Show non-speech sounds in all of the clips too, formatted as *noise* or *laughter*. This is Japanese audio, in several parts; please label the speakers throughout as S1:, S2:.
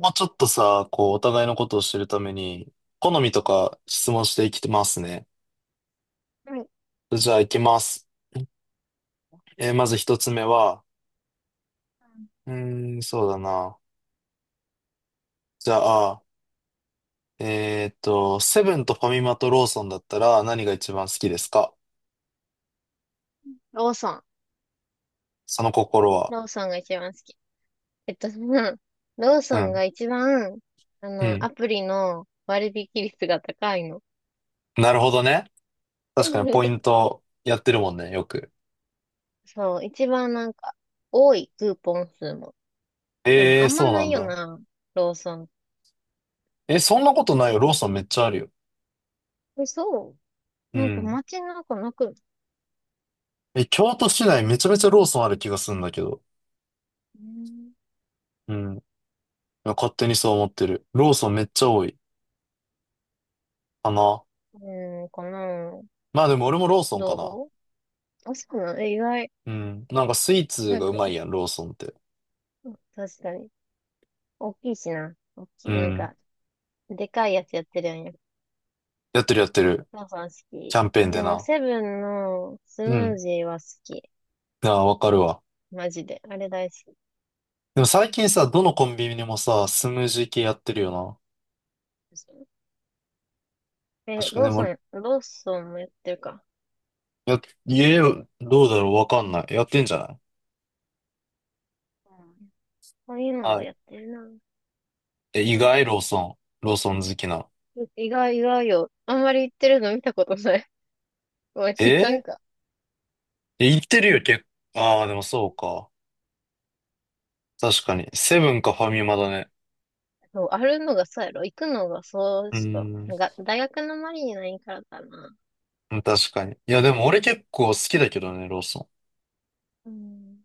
S1: もうちょっとさ、こう、お互いのことを知るために、好みとか質問していきますね。
S2: はい。
S1: じゃあ、いきます。まず一つ目は、うーん、そうだな。じゃあ、セブンとファミマとローソンだったら何が一番好きですか？
S2: ローソン。
S1: その心は。
S2: ローソンが一番好き。えっと、*laughs* その、ロー
S1: う
S2: ソン
S1: ん、
S2: が一番、
S1: うん。
S2: アプリの割引率が高いの。
S1: なるほどね。確かにポイ
S2: *laughs*
S1: ントやってるもんね、よく。
S2: そう、一番なんか、多いクーポン数も。でも、
S1: え
S2: あ
S1: ー、
S2: んま
S1: そう
S2: な
S1: な
S2: い
S1: ん
S2: よ
S1: だ。
S2: な、ローソン。
S1: え、そんなことないよ。ローソンめっちゃあるよ。
S2: え、そ
S1: う
S2: う。なんか
S1: ん。
S2: 街の中なく、
S1: え、京都市内めちゃめちゃローソンある気がするんだけど。
S2: うん、
S1: うん。勝手にそう思ってる。ローソンめっちゃ多いかな。
S2: うんかな。
S1: まあでも俺もローソンかな。
S2: どあ、そうなの。え、意外。
S1: うん。なんかスイーツ
S2: なん
S1: がう
S2: か、
S1: まいやん、ローソンって。
S2: 確かに。大きいしな。大き
S1: う
S2: い。なん
S1: ん。
S2: か、でかいやつやってるやん。
S1: やってるやってる。
S2: 母さん好
S1: キ
S2: き。
S1: ャンペーン
S2: で
S1: で
S2: も、
S1: な。
S2: セブンのス
S1: う
S2: ムー
S1: ん。
S2: ジーは好き。
S1: ああ、わかるわ。
S2: マジで。あれ大好きで
S1: でも最近さ、どのコンビニにもさ、スムージー系やってるよな。
S2: しょ。え、
S1: 確かに、
S2: ロ
S1: で
S2: ーソ
S1: も、
S2: ン、ローソンもやってるか。
S1: や、家、どうだろうわかんない。やってんじゃない？
S2: うん。こういうの
S1: は
S2: は
S1: い。
S2: やってるな。
S1: え、意
S2: うん。
S1: 外、ローソン。ローソン好きな？
S2: 意外、意外よ。あんまり行ってるの見たことない。*laughs* まあん、
S1: え
S2: いかん
S1: え、
S2: か。
S1: 言ってるよ、結構。ああ、でもそうか。確かに。セブンかファミマだね。
S2: そう、あるのがそうやろ。行くのがそう
S1: うー
S2: しか。なん
S1: ん。
S2: か、大学の周りにないからかな。
S1: うん確かに。いや、でも俺結構好きだけどね、ローソン。
S2: うん。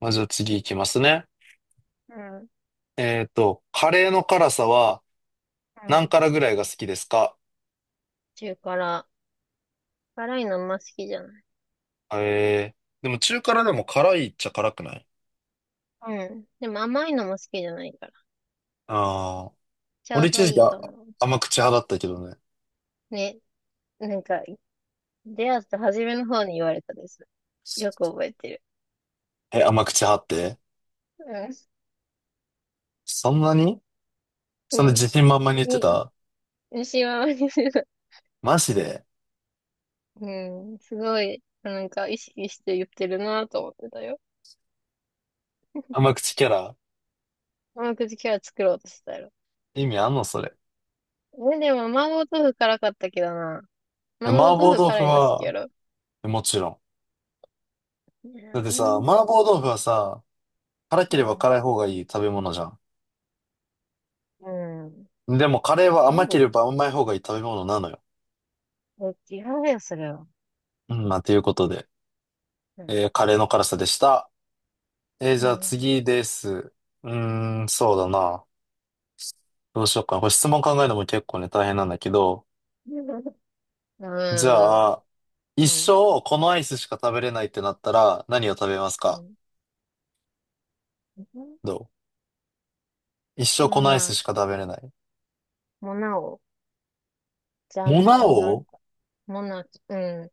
S1: まあ、じゃあ次行きますね。
S2: うん。
S1: カレーの辛さは
S2: う
S1: 何
S2: ん。
S1: 辛ぐらいが好きですか？
S2: 中辛。辛いのあんま好きじゃない。
S1: えー、でも中辛でも辛いっちゃ辛くない？
S2: うん。でも甘いのも好きじゃないから。
S1: ああー、
S2: ちょ
S1: 俺
S2: うど
S1: 一時
S2: い
S1: 期
S2: いと思う。
S1: 甘口派だったけどね。
S2: ね。なんか、出会った初めの方に言われたです。よく覚えてる。
S1: え、甘口派ってそんなに
S2: う
S1: そんな
S2: ん。
S1: 自信満々に
S2: う
S1: 言っ
S2: ん。
S1: て
S2: い、
S1: た？
S2: 牛は割にする。
S1: マジで？
S2: うん。すごい、なんか意識して言ってるなと思ってたよ。
S1: 甘口キャラ？
S2: 甘口キャラ作ろうとしてたやろ。
S1: 意味あんのそれ。
S2: え、でも、麻婆豆腐辛かったけどな。
S1: え
S2: 麻婆
S1: 麻婆
S2: 豆腐
S1: 豆腐
S2: 辛いの好きや
S1: は、
S2: ろ？
S1: もちろん。
S2: う
S1: だってさ、
S2: ん。
S1: 麻婆豆腐はさ、辛け
S2: う
S1: れば
S2: ん。
S1: 辛い方がいい食べ物じゃん。
S2: うん。
S1: でもカレーは甘け
S2: そ
S1: れば甘い方がいい食べ物なのよ。
S2: う。え、違うよ、それは。
S1: うん、まあ、ということで、
S2: うん。
S1: カレーの辛さでした。
S2: う
S1: じゃあ
S2: ん。
S1: 次です。うーん、そうだな。どうしようかな。これ質問考えるのも結構ね、大変なんだけど。
S2: うん。
S1: じ
S2: う
S1: ゃあ、
S2: ん。
S1: 一
S2: うん。
S1: 生このアイスしか食べれないってなったら何を食べます
S2: う
S1: か？
S2: ん。
S1: どう一生こ
S2: もう
S1: のアイス
S2: な、
S1: しか食べれない。
S2: もうなお。ジャ
S1: モ
S2: ンボ、
S1: ナ
S2: もなか、
S1: オ？
S2: もなか、うん。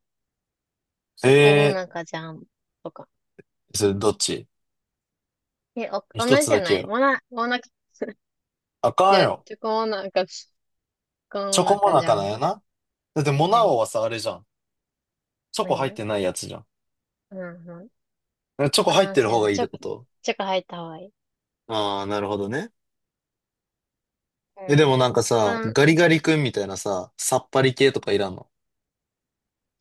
S2: チョコモ
S1: ええ
S2: ナカジャンボとか。
S1: ー、それどっち？
S2: え、お、同
S1: 一
S2: じ
S1: つ
S2: じ
S1: だ
S2: ゃ
S1: け
S2: ない？
S1: よ。
S2: モナカ、
S1: あ
S2: い
S1: かん
S2: や、
S1: よ。
S2: チョコ
S1: チ
S2: モ
S1: ョコ
S2: ナ
S1: モ
S2: カ
S1: ナ
S2: ジ
S1: カ
S2: ャ
S1: なん
S2: ン
S1: や
S2: ボで。
S1: な。だってモ
S2: は
S1: ナオ
S2: い。
S1: はさ、あれじゃん。チョコ入っ
S2: 何
S1: てないやつじゃん。
S2: うんう
S1: チョコ
S2: ん。
S1: 入っ
S2: ああ、
S1: てる
S2: そう
S1: 方
S2: やな。
S1: がいいっ
S2: チ
S1: て
S2: ョ
S1: こ
S2: コ、
S1: と？
S2: チョコ入った方がいい。
S1: ああー、なるほどね。え、でもなん
S2: うん。
S1: かさ、ガリガリ君みたいなさ、さっぱり系とかいらんの？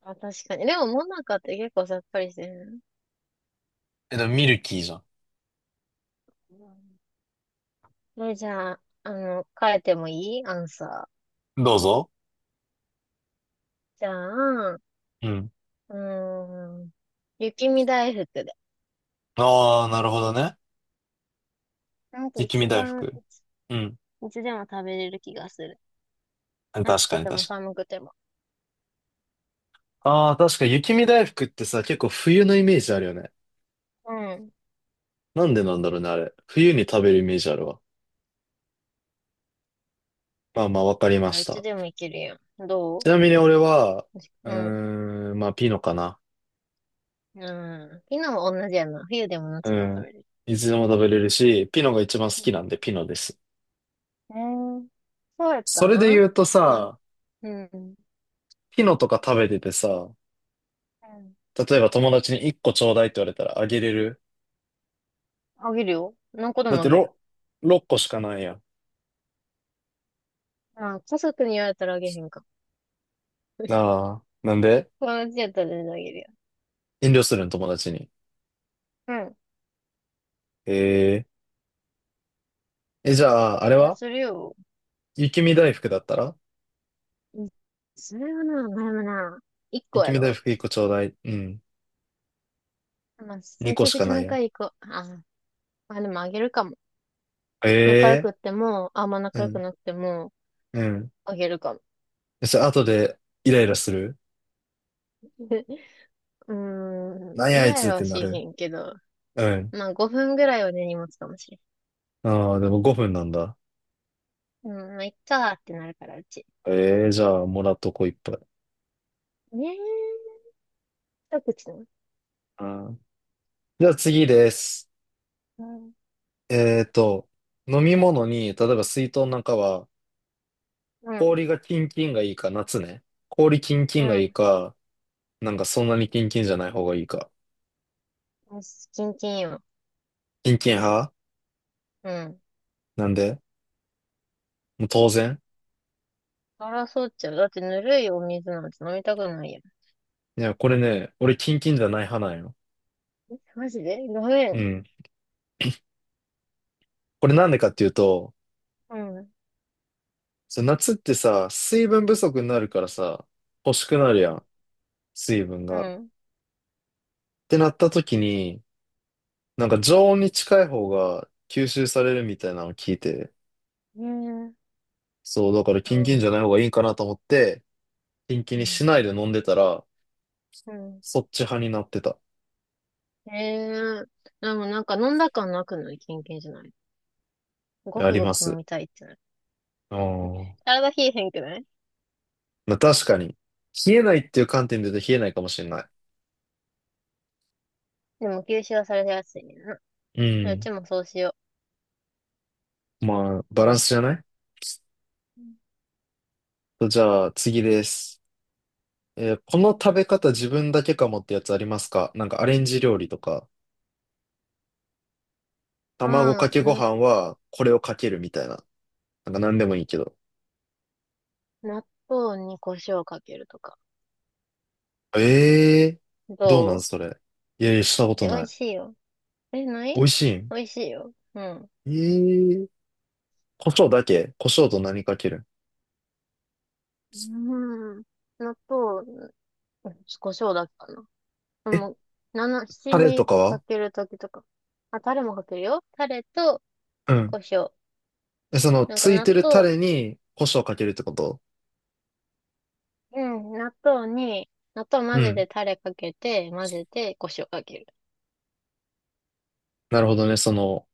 S2: あ、確かに。でも、モナカって結構さっぱりしてる
S1: え、でもミルキーじゃ
S2: な。え、じゃあ、変えてもいいアンサー？
S1: ん。どうぞ。
S2: じゃあ、う
S1: うん。
S2: ーん。雪見大福で。
S1: ああ、なるほどね。
S2: なんか
S1: 雪見
S2: 一
S1: 大
S2: 番、
S1: 福。うん。
S2: いつでも食べれる気がする。
S1: 確
S2: 暑
S1: か
S2: く
S1: に確
S2: て
S1: か
S2: も
S1: に。
S2: 寒くても。
S1: ああ、確かに雪見大福ってさ、結構冬のイメージあるよね。
S2: うん。
S1: なんでなんだろうね、あれ。冬に食べるイメージあるわ。まあまあ、わかりま
S2: あ
S1: し
S2: いつ
S1: た。
S2: でもいけるやん。
S1: ちなみに俺は、う
S2: うん。
S1: ーん、まあ、ピノかな。
S2: うん。昨日も同じやな。冬でも
S1: う
S2: 夏でも食
S1: ん。
S2: べれる。
S1: いつでも食べれるし、ピノが一番好
S2: う
S1: きな
S2: ん。
S1: んで、ピノです。
S2: えー、そうやっ
S1: そ
S2: た
S1: れで
S2: ん。
S1: 言うと
S2: まあ、
S1: さ、
S2: うん。う
S1: ピノとか食べててさ、
S2: ん。
S1: 例えば友達に1個ちょうだいって言われたらあげれる？
S2: あげるよ。何個で
S1: だっ
S2: もあ
S1: て
S2: げる。
S1: 6個しかないやん。
S2: まあ、家族に言われたらあげへんか。*laughs*
S1: ああ、なんで？
S2: 友達やったら全然あげるよ。
S1: 遠慮するん友達に。
S2: うん。
S1: えー、え、じゃあ、あ
S2: い
S1: れ
S2: や、
S1: は
S2: するよ。
S1: 雪見大福だったら
S2: うん。それはな、でもな、一
S1: 雪
S2: 個や
S1: 見大
S2: ろ？
S1: 福1個ちょうだい。うん。
S2: まあ、
S1: 2
S2: め
S1: 個
S2: ちゃ
S1: し
S2: く
S1: か
S2: ちゃ
S1: ないや
S2: 仲
S1: ん。
S2: いい子。あ、まあでもあげるかも。仲良
S1: え
S2: く
S1: え
S2: っても、あんま仲良く
S1: ー、
S2: なくても、
S1: うん、うん。
S2: あげるかも。
S1: そしたら後でイライラする？
S2: *laughs* うーん、
S1: なんや
S2: イ
S1: あい
S2: ライ
S1: つっ
S2: ラ
S1: て
S2: はし
S1: なる？
S2: へんけど、
S1: うん。
S2: まあ5分ぐらいは根に持つかもしれん。
S1: ああ、でも5分なんだ。
S2: うん、まあ、いっかーってなるから、うち。
S1: ええー、じゃあ、もらっとこういっぱい。
S2: ねえ、一口なの。
S1: うん。じゃあ次です。
S2: うん、
S1: えーと、飲み物に、例えば水筒なんかは、
S2: うん、
S1: 氷がキンキンがいいか、夏ね。氷キンキ
S2: う
S1: ンがいい
S2: ん。
S1: か、なんかそんなにキンキンじゃない方がいいか。
S2: よし、キンキンよ。
S1: キンキン派？
S2: うん。
S1: なんで？もう当然。
S2: 争っちゃう。だってぬるいお水なんて飲みたくないやん。
S1: いや、これね、俺キンキンじゃない派なんよ。
S2: え、マジでごめ
S1: う
S2: ん。
S1: ん。これなんでかっていうと、
S2: うん、う
S1: そう夏ってさ、水分不足になるからさ、欲しくなるや
S2: ん、
S1: ん。水分
S2: う
S1: が。っ
S2: ん。ね
S1: てなった時に、なんか常温に近い方が吸収されるみたいなのを聞いて、
S2: え、うん、
S1: そう、だからキンキンじゃない方がいいかなと思って、キンキン
S2: う
S1: に
S2: ん、
S1: しないで飲んでたら、
S2: うん。
S1: そっち派になってた。
S2: ええ、でもなんか飲んだ感なくない？キンキンじゃない、ご
S1: あ
S2: く
S1: り
S2: ご
S1: ま
S2: く飲
S1: す。
S2: みたいってなる。
S1: ああ。
S2: 体冷えへんくない？
S1: まあ確かに。冷えないっていう観点で言うと冷えないかもしれない。
S2: でも吸収はされてやすいねんな。
S1: う
S2: う
S1: ん。
S2: ちもそうしよう。
S1: まあ、バ
S2: 今
S1: ラン
S2: 年
S1: ス
S2: か
S1: じゃ
S2: ら。
S1: ない？じゃあ、次です。この食べ方自分だけかもってやつありますか？なんかアレンジ料理とか、
S2: う
S1: 卵か
S2: ん、
S1: けご飯はこれをかけるみたいな。なんか何でもいいけど。
S2: 納豆に胡椒かけるとか。
S1: ええー、
S2: ど
S1: どうなん
S2: う
S1: それ。いやいや、したこと
S2: え、美
S1: な
S2: 味
S1: い。
S2: しいよ。え、ない？
S1: 美味しいん？
S2: 美味しいよ。うん。
S1: ええー、胡椒だけ？胡椒と何かける？
S2: うん。納豆、胡椒だっけかな。で
S1: え
S2: も、七
S1: タレと
S2: 味
S1: か
S2: か
S1: は？
S2: けるときとか。あ、タレもかけるよ。タレと
S1: うん。
S2: 胡椒。
S1: その、
S2: なんか
S1: つい
S2: 納
S1: てるタ
S2: 豆、
S1: レに胡椒をかけるってこと？
S2: うん、納豆に、納豆
S1: う
S2: 混ぜ
S1: ん。
S2: てタレかけて、混ぜて、胡椒かける。
S1: なるほどね。その、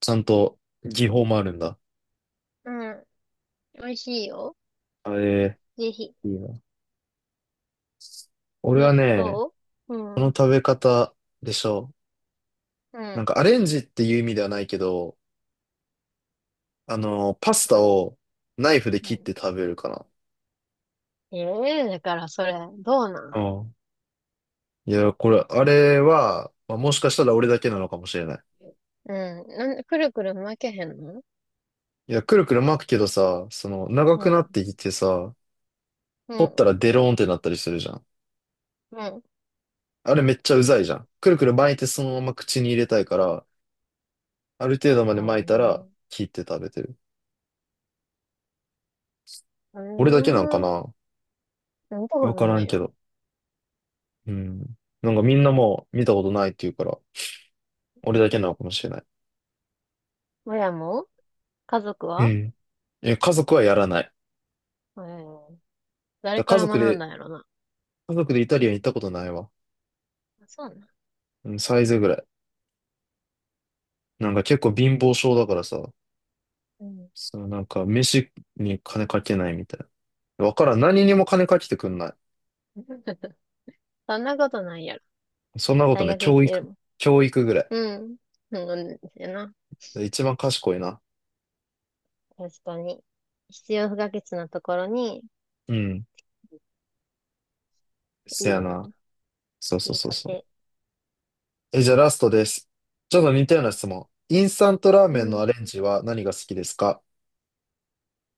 S1: ちゃんと技法もあるんだ。
S2: うん。美味しいよ。
S1: あえ
S2: ぜひ。
S1: いいな。俺は
S2: 納
S1: ね、
S2: 豆う
S1: この
S2: ん。
S1: 食べ方でしょ？
S2: う
S1: なん
S2: ん。
S1: かアレンジっていう意味ではないけど、パス
S2: う
S1: タ
S2: ん。
S1: をナイフで
S2: う
S1: 切っ
S2: ん。
S1: て食べるかな。
S2: ええ、だからそれ、どうな
S1: あ
S2: ん？
S1: あ。いや、あれは、まあ、もしかしたら俺だけなのかもしれない。
S2: うん。なんで、くるくる巻けへんの？
S1: いや、くるくる巻くけどさ、その、長
S2: う
S1: くなっ
S2: ん。
S1: てきてさ、
S2: う
S1: 取った
S2: ん。
S1: らデローンってなったりするじゃん。
S2: うん。
S1: あれめっちゃうざいじゃん。くるくる巻いてそのまま口に入れたいから、ある程度まで
S2: う
S1: 巻いたら、
S2: ん。
S1: 切って食べてる。
S2: う
S1: 俺だけなんか
S2: ん。うーん。
S1: な？
S2: 見たこと
S1: わから
S2: な
S1: ん
S2: い
S1: け
S2: よ。
S1: ど。うん。なんかみんなもう見たことないって言うから、俺だけなのかもしれない。
S2: 親も？家族
S1: う
S2: は？
S1: ん。え、家族はやらない。
S2: えー、誰
S1: だ
S2: か
S1: 家
S2: ら
S1: 族
S2: 学ん
S1: で、
S2: だんやろな。
S1: 家族でイタリアン行ったことないわ。
S2: あ、そうなん。
S1: うん、サイズぐらい。なんか結構貧乏症だからさ、
S2: うん。
S1: そのなんか飯に金かけないみたいな。わからん。何にも金かけてくんな
S2: *laughs* そんなことないやろ。
S1: い。そんなこと
S2: 大
S1: ね、
S2: 学行っ
S1: 教
S2: てる
S1: 育、
S2: もん。
S1: 教育ぐら
S2: うん。うんですよな。
S1: い。一番賢いな。
S2: 確かに。必要不可欠なところに、
S1: うん。
S2: い
S1: せ
S2: いじ
S1: や
S2: ゃない
S1: な。
S2: の。
S1: そうそ
S2: い
S1: う
S2: い
S1: そう
S2: 家
S1: そ
S2: 庭。
S1: う。え、じゃあラストです。ちょっと似たよう
S2: は
S1: な
S2: い。
S1: 質問。インスタントラー
S2: う
S1: メンの
S2: ん。
S1: アレンジは何が好きですか？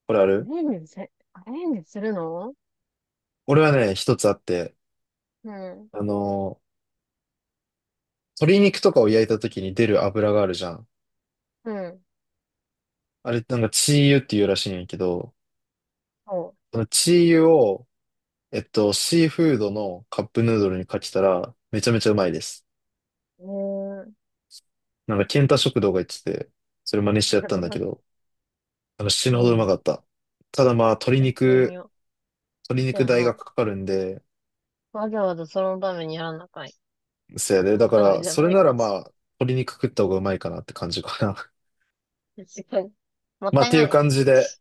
S1: これある？
S2: アレンジするの？
S1: 俺はね、一つあって、
S2: うん。
S1: あのー鶏肉とかを焼いた時に出る油があるじゃん。
S2: うん。
S1: あれ、なんかチー油っていうらしいんやけど、
S2: そ
S1: そのチー油を、シーフードのカップヌードルにかけたら、めちゃめちゃうまいです。
S2: う。うーん。
S1: なんか、ケンタ食堂が言ってて、それ真似してやっ
S2: だ
S1: たん
S2: か
S1: だけ
S2: ら、
S1: ど、死ぬ
S2: う
S1: ほどうまか
S2: ん。
S1: った。ただまあ、鶏
S2: やってみ
S1: 肉、
S2: よう。
S1: 鶏
S2: そう
S1: 肉
S2: や
S1: 代が
S2: な。
S1: かかるんで、
S2: わざわざそのためにやらなあかい。
S1: せいで、
S2: その
S1: だか
S2: ため
S1: ら、
S2: じゃ
S1: それ
S2: ない
S1: な
S2: か
S1: ら
S2: も
S1: ま
S2: し
S1: あ、鶏肉食った方がうまいかなって感じかな。
S2: れない。確かに。も
S1: *laughs*
S2: っ
S1: まあ、
S2: た
S1: っ
S2: い
S1: ていう
S2: ない。
S1: 感じで、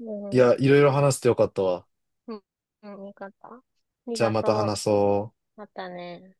S2: う
S1: いや、
S2: ん。
S1: いろいろ話してよかったわ。
S2: うん。うん。よかった。あり
S1: じゃあ
S2: が
S1: また
S2: とう。
S1: 話そう。
S2: またね。